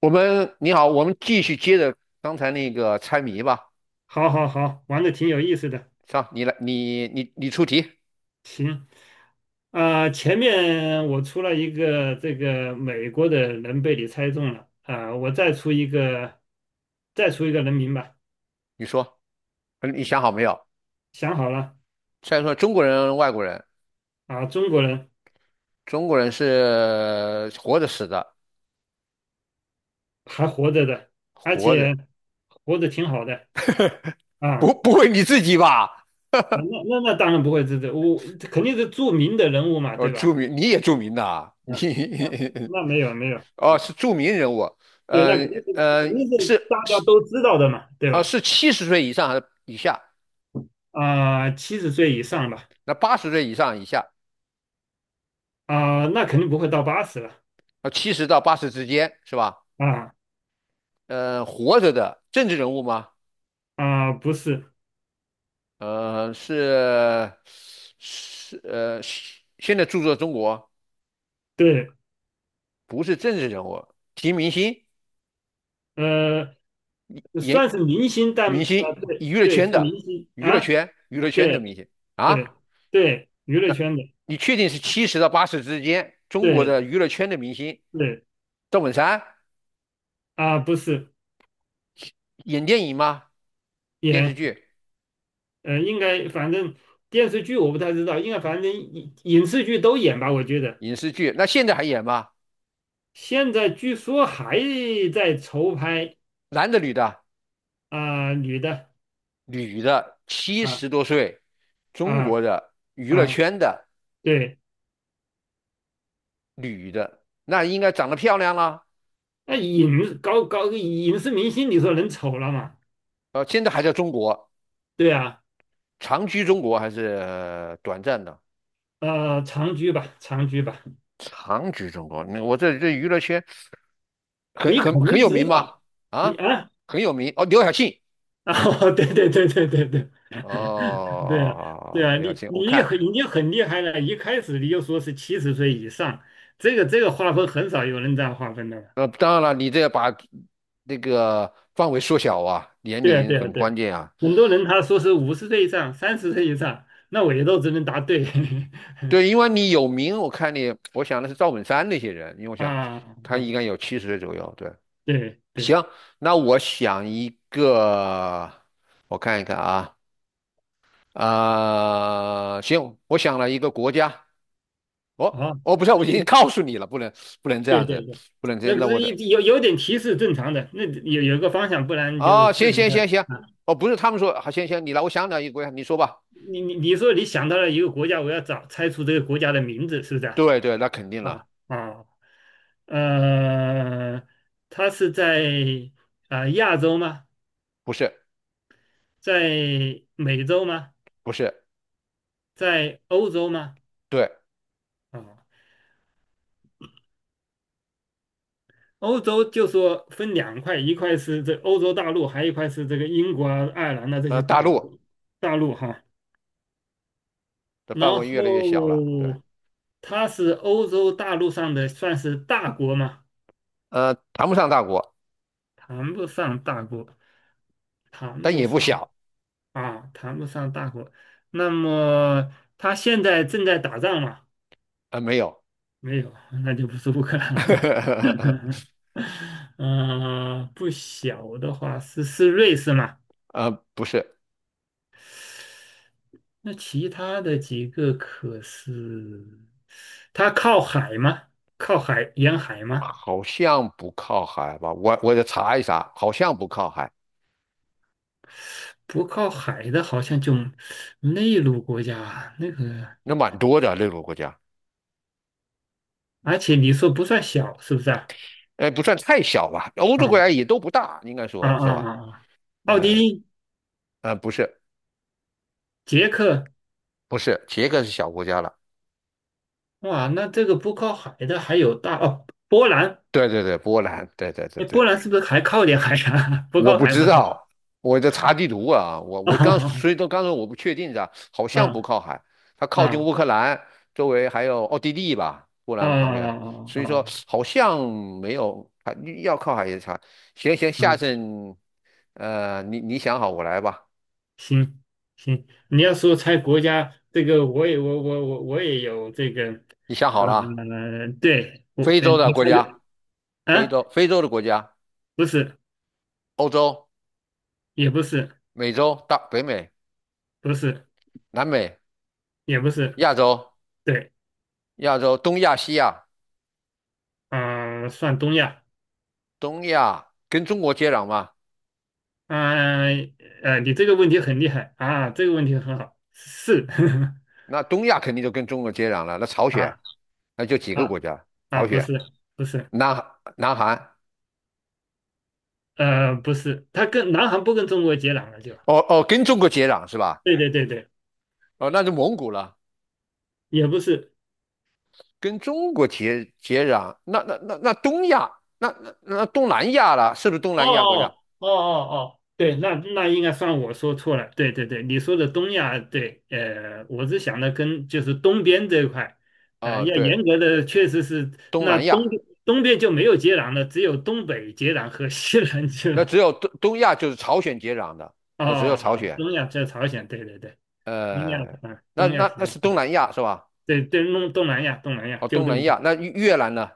你好，我们继续接着刚才那个猜谜吧。好，好，好，玩的挺有意思的。上，你来，你出题，行，啊、前面我出了一个这个美国的人被你猜中了，啊、我再出一个人名吧。你说，你想好没有？想好了，再说中国人、外国人，啊、中国人中国人是活着死的，还活着的，而活着，且活得挺好的不啊。不会你自己吧？那当然不会这，我肯定是著名的人物嘛，哦，对吧？著名，你也著名的啊，你 嗯，那那没有没有 哦啊，是著名人物，对，呃那肯定是呃肯定是是大家是都知道的嘛，对呃吧？是七十岁以上还是以下？啊、七十岁以上吧。那八十岁以上以下，啊、那肯定不会到80了七十到八十之间是吧？啊活着的政治人物吗？啊、不是，呃，是是现在著作中国对，不是政治人物，提明星、呃，算演是明星，但明啊、星、对娱乐对，圈是的明星啊，娱乐圈的明对星啊，对对，娱乐圈的，你确定是七十到八十之间中国对的娱乐圈的明星？对赵本山啊、不是演电影吗？电视演，剧、应该反正电视剧我不太知道，应该反正影视剧都演吧，我觉得影视剧，那现在还演吗？现在据说还在筹拍男的、女的？啊、女的女的，七啊十多岁，中啊国的娱乐啊，圈的对，女的，那应该长得漂亮了。那高高影视明星，你说能丑了吗？现在还在中国，对啊，长居中国还是短暂的？长居吧，长居吧，长居中国，那我这娱乐圈很你很肯很定有知名吗？道，你啊，啊很有名哦，刘晓庆。啊，对对对对对对对啊，对哦，啊，刘晓你庆，我你看，很已经很厉害了，一开始你就说是七十岁以上，这个划分很少有人这样划分的了。当然了，你这把那个范围缩小啊，年对啊龄对啊很对关啊，键啊。很多人他说是50岁以上、30岁以上，那我也都只能答对 对，因为你有名，我看你，我想的是赵本山那些人，因为我 啊想他啊，应该有七十岁左右。对，对对，行，那我想一个，我看一看啊。行，我想了一个国家，哦，好，哦，不是，我那已经就告诉你了，不能这对样子，对对，不能这那样，不那我是的有点提示正常的，那有个方向，不然就是啊、不行能行行看。行，哦，不是，他们说，好，行行，你来，我想了一个国家，你说吧。你说你想到了一个国家，我要猜出这个国家的名字，是不是啊？对对，那肯定了，啊啊，呃，它是在啊、亚洲吗？不是在美洲吗？不是，在欧洲吗？对，啊，欧洲就说分两块，一块是这欧洲大陆，还有一块是这个英国啊、爱尔兰的这些岛大国陆大陆哈。的然范围越来越小了，对，后它是欧洲大陆上的算是大国吗？谈不上大国，谈不上大国，谈但不也不上小，啊，谈不上大国。那么他现在正在打仗吗？没有，没有，那就不是乌克兰了。嗯，不小的话是瑞士嘛？不是，那其他的几个可是，它靠海吗？靠海沿海吗？好像不靠海吧？我得查一查，好像不靠海，不靠海的，好像就内陆国家那个，那蛮多的那个国家。而且你说不算小，是不是啊？不算太小吧，欧洲啊，国家也都不大，应该啊说啊是吧？啊！啊奥地呃利、不是捷克，不是，捷克是小国家了，哇，那这个不靠海的还有大哦，波兰，对对对，波兰，对对对哎，对，波兰是不是还靠点海啊？不我靠不海知吗？道，我在查地图啊，我我刚所以 说刚才我不确定的，好像不啊靠海，它靠近啊乌克兰，周围还有奥地利吧，波啊兰旁边，啊所啊！以说啊好像没有，还要靠海也查，行行，下嗯，次你想好我来吧，行行，你要说猜国家，这个我也有这个，你想呃，好了，对我，非洲的你国猜个家，非啊？洲非洲的国家。不是，欧洲、也不是，美洲、大北美、不是，南美、也不是，亚洲、对，亚洲、东亚、西亚、啊、算东亚。东亚跟中国接壤嘛？啊，你这个问题很厉害啊，这个问题很好，是 那东亚肯定就跟中国接壤了。那朝 鲜，啊那就几个啊国家：啊，朝不鲜、是不是，南南韩。不是，他跟南韩不跟中国接壤了就，哦哦，跟中国接壤是吧？对对对对，哦，那就蒙古了，也不是，跟中国接壤。那东亚，那东南亚了，是不是东哦南亚国家？哦哦哦哦，对，那应该算我说错了，对对对，你说的东亚，对，我是想的跟就是东边这一块，要对，严格的确实是东那南亚，东边就没有接壤了，只有东北接壤和西南接那壤。只有东亚就是朝鲜接壤的，哦，那只有哦朝哦鲜。东亚在朝鲜，对对对，东亚呃，啊，那东亚那那朝是东鲜，南亚是吧？对对，东南亚，东南亚，哦，纠东正南一下，亚，那越南呢？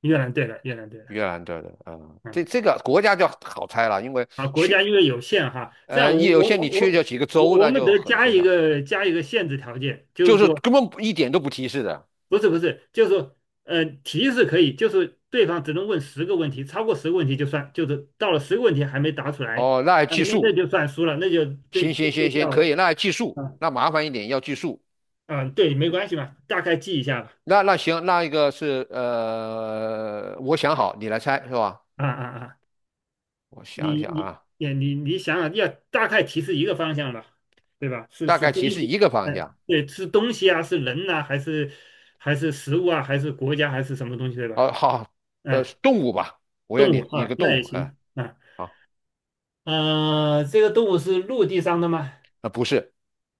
越南对了，越南对了，越南对的，嗯，嗯，这个国家就好猜了，因为啊，国家去因为有限哈，这样也有些你去这几个州，那我们就得很加缩一小，个加一个限制条件，就就是是说根本不一点都不提示的。不是不是，就是说提示可以，就是对方只能问十个问题，超过十个问题就算，就是到了十个问题还没答出来，哦，那还计那数，就算输了，那就对行就行退行行，票可以，了，那还计数，啊那麻烦一点要计数。啊，对，没关系嘛，大概记一下吧，那行，那一个是我想好，你来猜是吧？啊啊啊。我想你想你啊，也你你想想，要大概提示一个方向吧，对吧？是大是概东提示一个西，方哎，向。对，是东西啊，是人呐、还是食物啊，还是国家，还是什么东西，对吧？哦，好，哎，动物吧，我要动物你一啊，个那动也物，哎、行啊。好。这个动物是陆地上的吗？啊不是，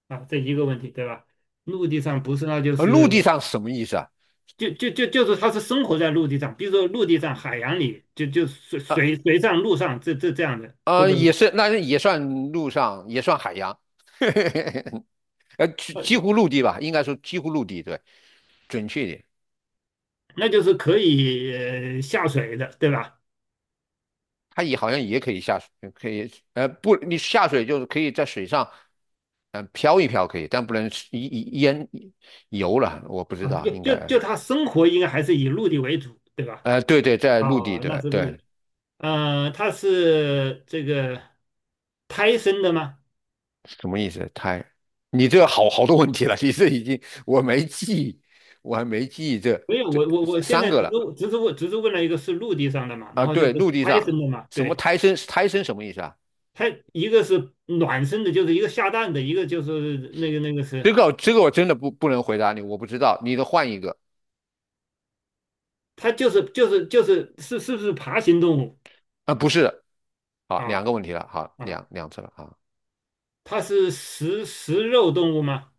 啊，这一个问题，对吧？陆地上不是，那就陆是地上什么意思啊？就就就就是它是生活在陆地上，比如说陆地上、海洋里，就水呃水水上、陆上，这样的，或者。也是，那也算陆上，也算海洋，几乎陆地吧，应该说几乎陆地，对，准确一点，那就是可以下水的，对吧？它也好像也可以下水，可以，不，你下水就是可以在水上，嗯、漂一漂可以，但不能一淹游了，我不知啊，道，就应就该，就他生活应该还是以陆地为主，对吧？对对，在陆地，啊，那对是陆对，地。它是这个胎生的吗？什么意思？胎？你这好多问题了，你这已经我没记忆我还没记忆这没有，这我现三在只个了是只是问只是问了一个是陆地上的嘛，啊。然后就是对，陆地胎生上的嘛，什么对，胎生？胎生什么意思啊？它一个是卵生的，就是一个下蛋的，一个就是那个是这个我真的不能回答你，我不知道。你得换一个它就是是不是爬行动物啊，不是，好，两啊个问题了，好，啊？两次了啊。它是食肉动物吗？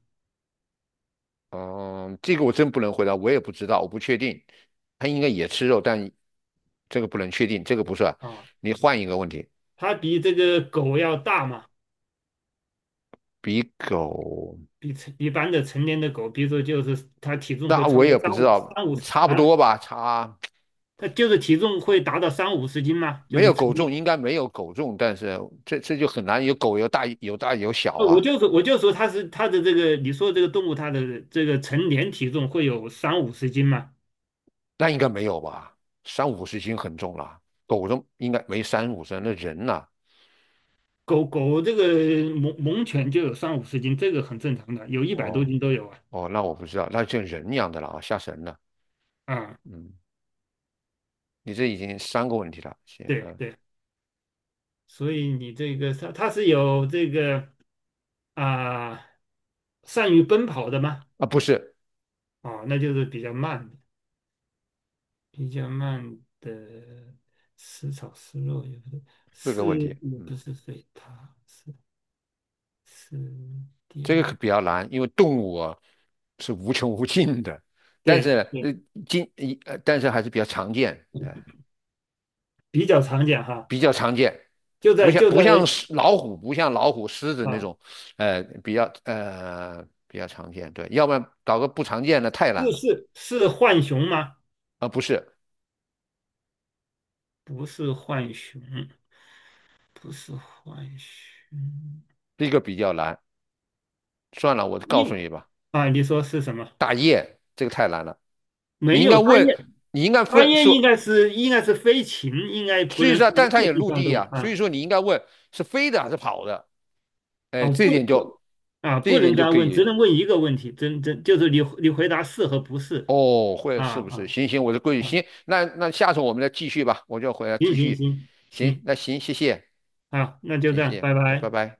嗯，这个我真不能回答，我也不知道，我不确定。它应该也吃肉，但这个不能确定，这个不是。啊？你换一个问题，它比这个狗要大嘛，比狗，比成一般的成年的狗，比如说就是它体重会那超我也过不知道，三五十差不啊，多吧，差。它就是体重会达到三五十斤嘛，没就有是成狗重，年。应该没有狗重，但是这就很难有狗有大有大有小我啊，就说我就说它是它的这个，你说这个动物它的这个成年体重会有三五十斤嘛？那应该没有吧？三五十斤很重了，狗重应该没三五十，那人呐、狗狗这个猛犬就有三五十斤，这个很正常的，有一百多哦斤都有啊。哦，那我不知道，那就人一样的了啊，吓神了。啊，嗯，你这已经三个问题了，行，对嗯对，所以你这个它是有这个啊、善于奔跑的吗？啊不是啊，那就是比较慢的，比较慢的食炒食肉也不对，四个是问题，也嗯，不是水獭，是是这个可雕，比较难，因为动物啊是无穷无尽的，但是对呃对，今还是比较常见，哎。比较常见哈，比较常见，就不在像就不在像老虎，不像老虎、狮子那啊，种，比较比较常见。对，要不然搞个不常见的太难这了是浣熊吗？啊，不是不是浣熊，不是浣熊，这个比较难。算了，我告诉应你吧，啊，你说是什么？大雁这个太难了，你没应该有大问，雁，你应该大分雁应说，该是应该是飞禽，应该不所以能说，算但它陆也地陆上地动物呀、所以啊说你应该问是飞的还是跑的，哎，哦，不不啊，这不一能点就再可问，只以。能问一个问题，真就是你回答是和不是哦，会啊是不啊是？行行，我的规矩啊，行。那下次我们再继续吧，我就回来行继行续。行行，行那行，谢谢。啊，那就谢这样，谢，拜那拜拜。拜。